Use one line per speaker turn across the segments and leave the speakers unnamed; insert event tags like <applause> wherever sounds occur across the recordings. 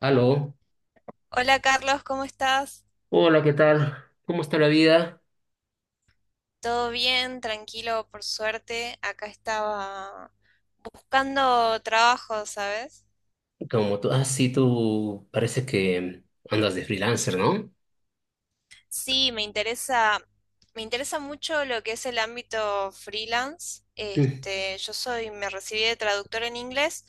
Aló,
Hola Carlos, ¿cómo estás?
hola, ¿qué tal? ¿Cómo está la vida?
¿Todo bien? Tranquilo, por suerte. Acá estaba buscando trabajo, ¿sabes?
Como tú, ah, sí, tú parece que andas de freelancer, ¿no?
Sí, me interesa mucho lo que es el ámbito freelance.
Mm,
Este, me recibí de traductora en inglés,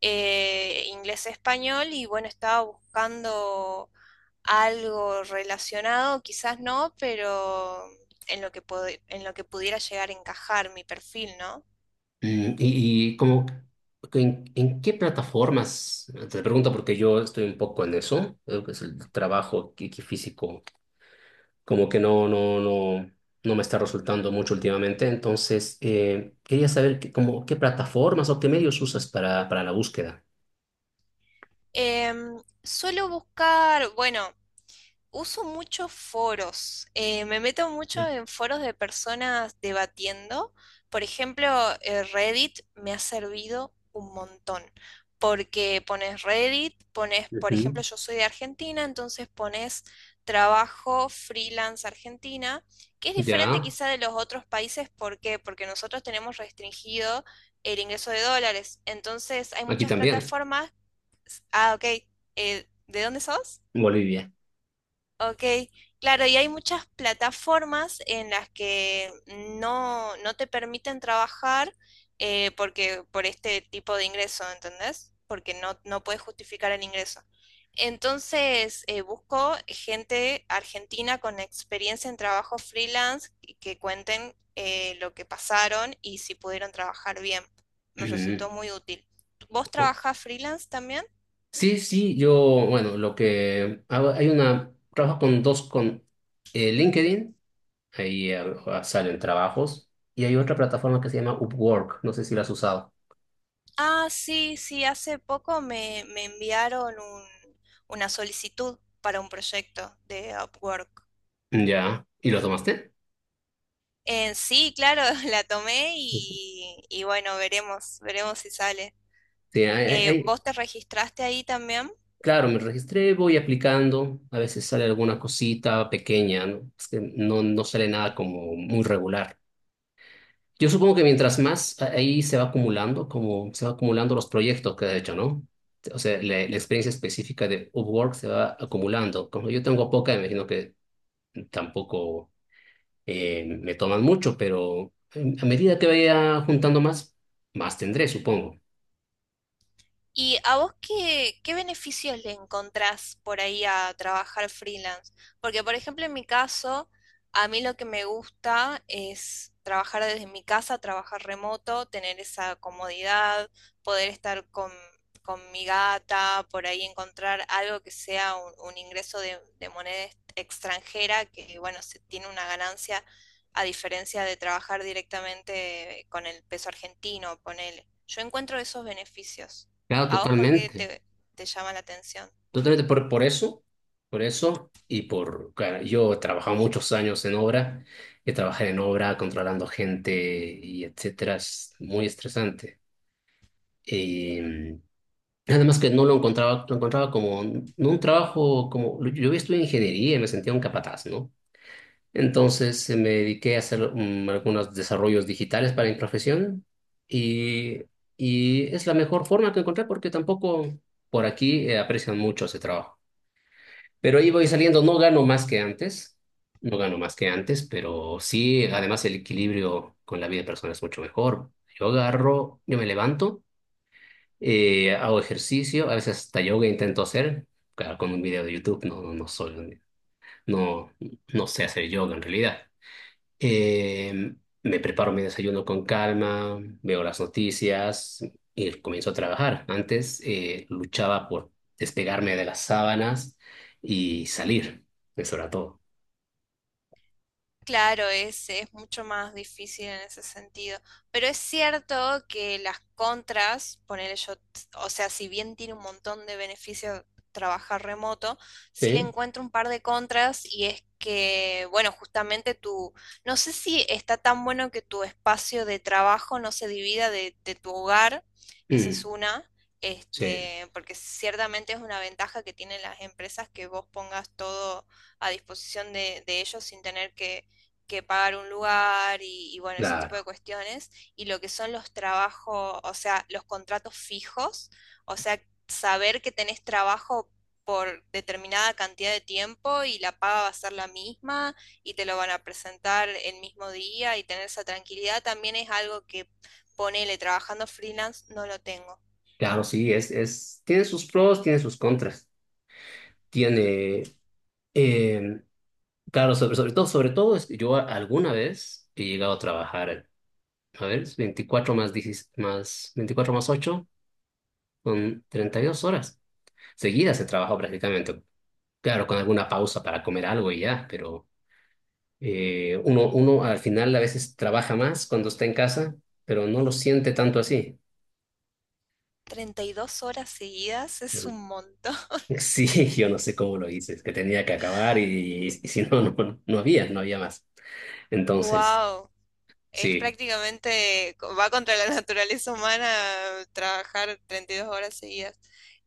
inglés-español, y bueno, estaba buscando algo relacionado, quizás no, pero en lo que pudiera llegar a encajar mi perfil, ¿no?
y como, ¿en qué plataformas? Ah, te pregunto porque yo estoy un poco en eso, creo que es el trabajo que físico, como que no me está resultando mucho últimamente, entonces quería saber que, como, qué plataformas o qué medios usas para la búsqueda.
Suelo buscar, bueno, uso muchos foros, me meto mucho en foros de personas debatiendo. Por ejemplo, Reddit me ha servido un montón, porque pones Reddit, pones, por ejemplo,
Ujú.
yo soy de Argentina, entonces pones trabajo freelance Argentina, que es diferente
Ya,
quizá de los otros países, ¿por qué? Porque nosotros tenemos restringido el ingreso de dólares, entonces hay
aquí
muchas
también,
plataformas. Ah, ok. ¿De dónde sos?
en Bolivia.
Ok. Claro, y hay muchas plataformas en las que no te permiten trabajar porque, por este tipo de ingreso, ¿entendés? Porque no puedes justificar el ingreso. Entonces, busco gente argentina con experiencia en trabajo freelance y que cuenten lo que pasaron y si pudieron trabajar bien. Me
Ujú.
resultó muy útil. ¿Vos trabajás freelance también?
Sí, sí, yo, bueno, lo que hago, hay una, trabajo con dos, con LinkedIn, ahí salen trabajos, y hay otra plataforma que se llama Upwork, no sé si la has usado.
Ah, sí, sí, hace poco me enviaron una solicitud para un proyecto de Upwork.
Ya, ¿y lo tomaste?
Sí, claro, <laughs> la tomé
Sí,
y bueno, veremos si sale.
sí,
¿Vos te registraste ahí también?
claro, me registré, voy aplicando, a veces sale alguna cosita pequeña, ¿no? Es que no sale nada como muy regular. Yo supongo que mientras más ahí se va acumulando, como se va acumulando los proyectos que ha hecho, ¿no? O sea, la experiencia específica de Upwork se va acumulando. Como yo tengo poca, imagino que tampoco me toman mucho, pero a medida que vaya juntando más, más tendré, supongo.
¿Y a vos qué beneficios le encontrás por ahí a trabajar freelance? Porque, por ejemplo, en mi caso, a mí lo que me gusta es trabajar desde mi casa, trabajar remoto, tener esa comodidad, poder estar con mi gata, por ahí encontrar algo que sea un ingreso de moneda extranjera, que, bueno, se tiene una ganancia a diferencia de trabajar directamente con el peso argentino, ponele. Yo encuentro esos beneficios.
Claro,
¿A vos por qué
totalmente.
te llama la atención?
Totalmente por eso, por eso y claro, yo he trabajado muchos años en obra, he trabajado en obra controlando gente y etcétera, es muy estresante. Eh, Nada más que no lo encontraba, lo encontraba como, no un trabajo como, yo había estudiado ingeniería y me sentía un capataz, ¿no? Entonces me dediqué a hacer algunos desarrollos digitales para mi profesión y, y es la mejor forma que encontré porque tampoco por aquí aprecian mucho ese trabajo. Pero ahí voy saliendo, no gano más que antes, no gano más que antes, pero sí, además el equilibrio con la vida personal es mucho mejor. Yo agarro, yo me levanto. Hago ejercicio, a veces hasta yoga intento hacer, claro, con un video de YouTube, no soy, no, no sé hacer yoga en realidad. Eh, Me preparo mi desayuno con calma, veo las noticias y comienzo a trabajar. Antes luchaba por despegarme de las sábanas y salir, eso era todo.
Claro, es mucho más difícil en ese sentido. Pero es cierto que las contras, poner yo, o sea, si bien tiene un montón de beneficios trabajar remoto, sí le
Sí,
encuentro un par de contras y es que, bueno, justamente tu, no sé si está tan bueno que tu espacio de trabajo no se divida de tu hogar, esa es
mm,
una.
sí,
Este, porque ciertamente es una ventaja que tienen las empresas que vos pongas todo a disposición de ellos sin tener que pagar un lugar y, bueno, ese tipo de
claro,
cuestiones, y lo que son los trabajos, o sea, los contratos fijos, o sea, saber que tenés trabajo por determinada cantidad de tiempo y la paga va a ser la misma y te lo van a presentar el mismo día y tener esa tranquilidad también es algo que ponele trabajando freelance no lo tengo.
claro, sí, es, tiene sus pros, tiene sus contras, tiene... em, claro, sobre todo, es que yo alguna vez he llegado a trabajar, a ver, es 24 más 10 más, 24 más 8, son 32 horas seguidas he trabajado prácticamente. Claro, con alguna pausa para comer algo y ya, pero uno al final a veces trabaja más cuando está en casa, pero no lo siente tanto así.
Treinta y dos horas seguidas es un montón.
Sí, <laughs> yo no sé cómo lo hice, es que tenía que acabar y si no, no había más.
<laughs>
Entonces,
¡Wow! Es
sí.
prácticamente, va contra la <laughs> naturaleza humana trabajar 32 horas seguidas.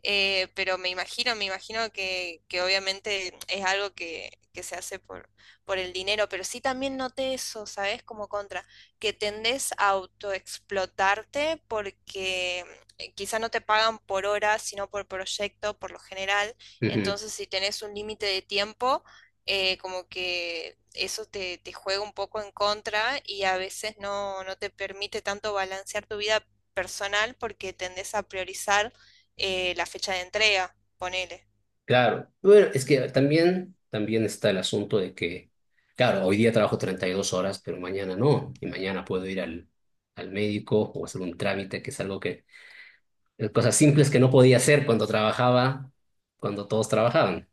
Pero me imagino que obviamente es algo que se hace por el dinero, pero sí también noté eso, ¿sabes? Como contra, que tendés a autoexplotarte porque quizá no te pagan por hora, sino por proyecto, por lo general. Entonces, si tenés un límite de tiempo, como que eso te juega un poco en contra y a veces no te permite tanto balancear tu vida personal porque tendés a priorizar la fecha de entrega, ponele.
Claro, bueno, es que también, también está el asunto de que, claro, hoy día trabajo 32 horas, pero mañana no, y mañana puedo ir al médico o hacer un trámite, que es algo que, cosas simples que no podía hacer cuando trabajaba, cuando todos trabajaban.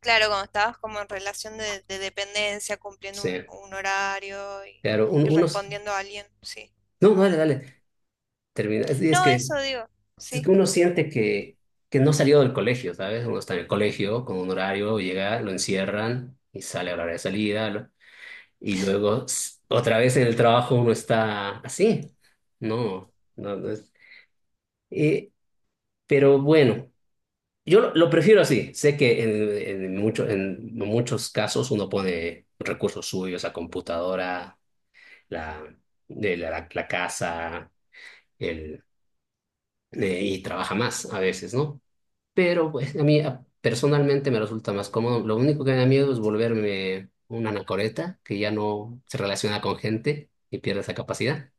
Claro, cuando estabas como en relación de dependencia, cumpliendo
Sí,
un horario
claro,
y
unos,
respondiendo a alguien, sí.
no, dale, dale, termina.
No, eso digo,
Es que
sí.
uno siente que no salió del colegio, ¿sabes? Uno está en el colegio con un horario, llega, lo encierran y sale a la hora de salida. Y luego otra vez en el trabajo uno está así. No, no, no es. eh, pero bueno, yo lo prefiero así. Sé que en muchos casos uno pone recursos suyos, la computadora, la, de la, la- la casa, el, y trabaja más a veces, ¿no? Pero pues a mí personalmente me resulta más cómodo. Lo único que me da miedo es volverme una anacoreta que ya no se relaciona con gente y pierde esa capacidad.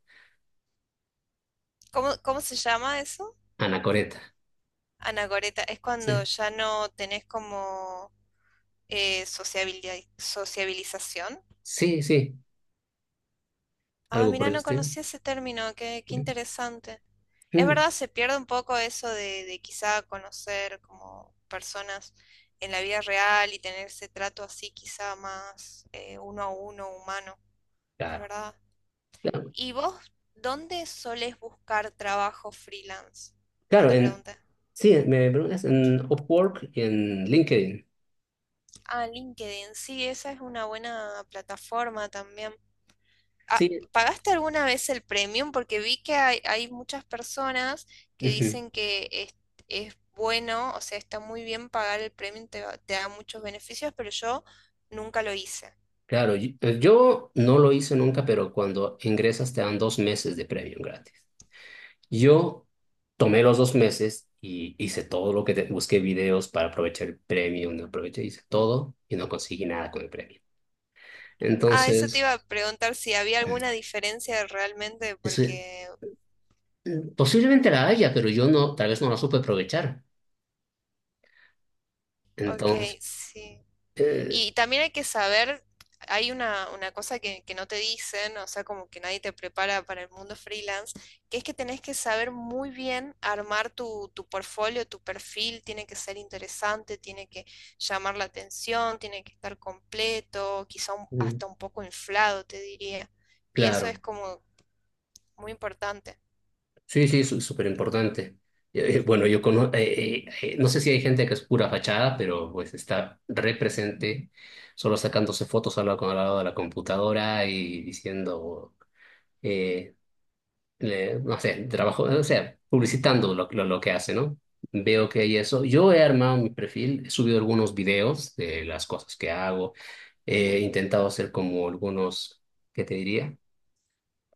¿Cómo, cómo se llama eso?
Anacoreta.
Anacoreta, es cuando
Sí,
ya no tenés como sociabilidad, sociabilización.
sí, sí,
Ah,
algo por
mira,
el
no
estilo.
conocía ese término, qué, qué interesante. Es
Mm,
verdad, se pierde un poco eso de quizá conocer como personas en la vida real y tener ese trato así quizá más uno a uno humano, es
claro,
verdad.
claro,
¿Y vos dónde solés buscar trabajo freelance? No
claro.
te pregunté.
Sí, me preguntas en Upwork y en LinkedIn.
Ah, LinkedIn, sí, esa es una buena plataforma también. Ah,
Sí,
¿pagaste alguna vez el premium? Porque vi que hay muchas personas que
ujú,
dicen que es bueno, o sea, está muy bien pagar el premium, te da muchos beneficios, pero yo nunca lo hice.
claro, yo no lo hice nunca, pero cuando ingresas te dan 2 meses de premium gratis. Yo tomé los 2 meses y hice todo lo que busqué videos para aprovechar el premium, no aproveché, hice todo y no conseguí nada con el premium.
Ah, eso te iba
Entonces,
a preguntar si había alguna diferencia realmente,
eso,
porque,
Posiblemente la haya, pero yo no, tal vez no la supe aprovechar.
ok,
Entonces,
sí.
eh,
Y también hay que saber, hay una cosa que no te dicen, o sea, como que nadie te prepara para el mundo freelance, que es que tenés que saber muy bien armar tu portfolio, tu perfil, tiene que ser interesante, tiene que llamar la atención, tiene que estar completo, quizá
mm,
hasta un poco inflado, te diría. Y eso es
claro,
como muy importante.
sí, sí, es súper importante. Bueno, yo conozco, no sé si hay gente que es pura fachada, pero pues está represente, solo sacándose fotos al lado, al lado de la computadora y diciendo, eh, no sé, trabajo, o sea, publicitando lo que hace, ¿no? Veo que hay eso. Yo he armado mi perfil, he subido algunos videos de las cosas que hago, he intentado hacer como algunos, ¿qué te diría?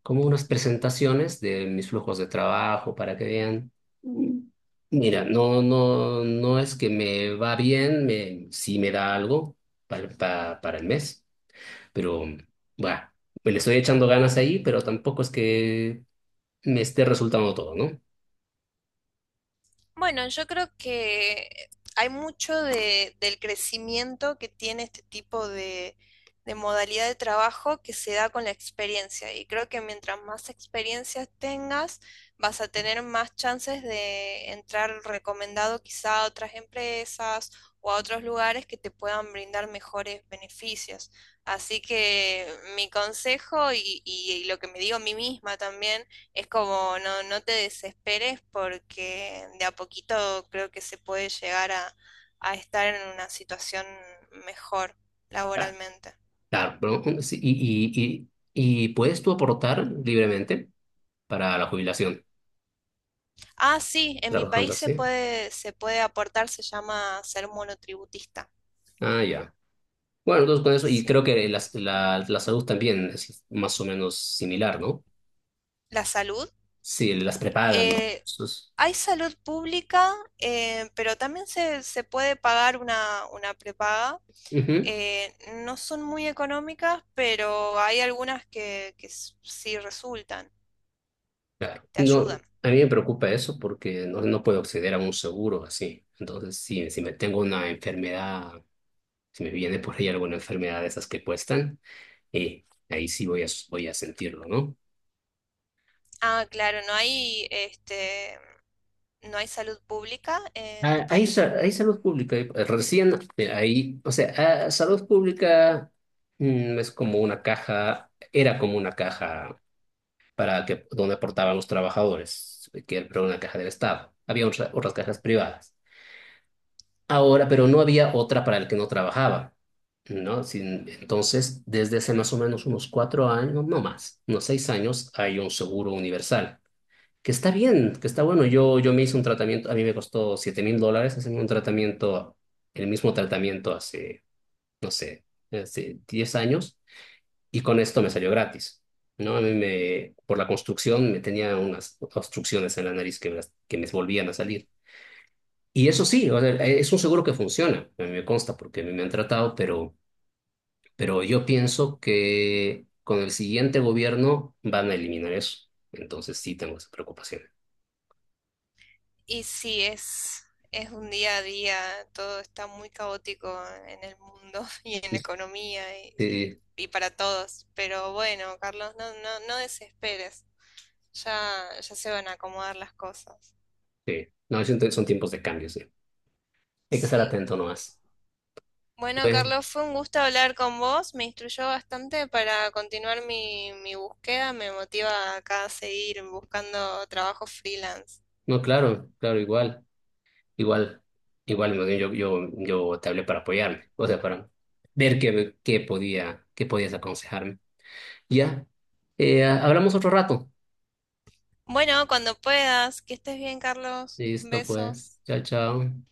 Como unas presentaciones de mis flujos de trabajo para que vean. Mira, no es que me va bien, sí me da algo para, para el mes, pero bueno, me le estoy echando ganas ahí, pero tampoco es que me esté resultando todo, ¿no?
Bueno, yo creo que hay mucho del crecimiento que tiene este tipo de modalidad de trabajo que se da con la experiencia. Y creo que mientras más experiencias tengas, vas a tener más chances de entrar recomendado quizá a otras empresas o a otros lugares que te puedan brindar mejores beneficios. Así que mi consejo y lo que me digo a mí misma también es como no te desesperes porque de a poquito creo que se puede llegar a estar en una situación mejor laboralmente.
Claro, pero, sí, y puedes tú aportar libremente para la jubilación
Ah, sí, en mi
trabajando
país
así.
se puede aportar, se llama ser monotributista.
Ah, ya. Bueno, entonces con eso, y creo
Sí.
que la salud también es más o menos similar, ¿no?
La salud.
Sí, las prepagas, digamos.
eh, hay salud pública, pero también se puede pagar una prepaga.
Ujú,
Eh, no son muy económicas, pero hay algunas que sí resultan,
claro.
te
No,
ayudan.
a mí me preocupa eso porque no puedo acceder a un seguro así. Entonces, si me tengo una enfermedad, si me viene por ahí alguna enfermedad de esas que cuestan, ahí sí voy a, sentirlo, ¿no?
Ah, claro, no hay, este, no hay salud pública en tu
Ah, Hay,
país.
sa- hay salud pública. Recién o sea, salud pública es como una caja, era como una caja para que donde aportaban los trabajadores, que era una caja del Estado. Había otras cajas privadas.
Ah,
Ahora,
ok.
pero no había otra para el que no trabajaba, ¿no? Entonces, desde hace más o menos unos 4 años, no más, unos 6 años, hay un seguro universal que está bien, que está bueno. Yo me hice un tratamiento, a mí me costó 7.000 dólares hacerme un tratamiento, el mismo tratamiento hace, no sé, hace 10 años, y con esto me salió gratis, ¿no? Por la construcción, me tenía unas obstrucciones en la nariz que me volvían a salir. Y eso sí, o sea, es un seguro que funciona, a mí me consta porque a mí me han tratado, pero, yo pienso que con el siguiente gobierno van a eliminar eso. Entonces sí tengo esa preocupación.
Y sí, es un día a día, todo está muy caótico en el mundo <laughs> y en la economía
Sí,
y para todos. Pero bueno, Carlos, no desesperes. Ya se van a acomodar las cosas.
sí, no, siento que son tiempos de cambio, sí. Hay que estar
Sí.
atento nomás.
Bueno,
Bueno,
Carlos, fue un gusto hablar con vos. Me instruyó bastante para continuar mi búsqueda. Me motiva acá a seguir buscando trabajo freelance.
no, claro, claro, igual, igual, más bien yo te hablé para apoyarme, o sea, para ver qué podía, qué podías aconsejarme. Ya, hablamos otro rato.
Bueno, cuando puedas, que estés bien, Carlos. Un
Listo,
beso.
pues, chao, chao.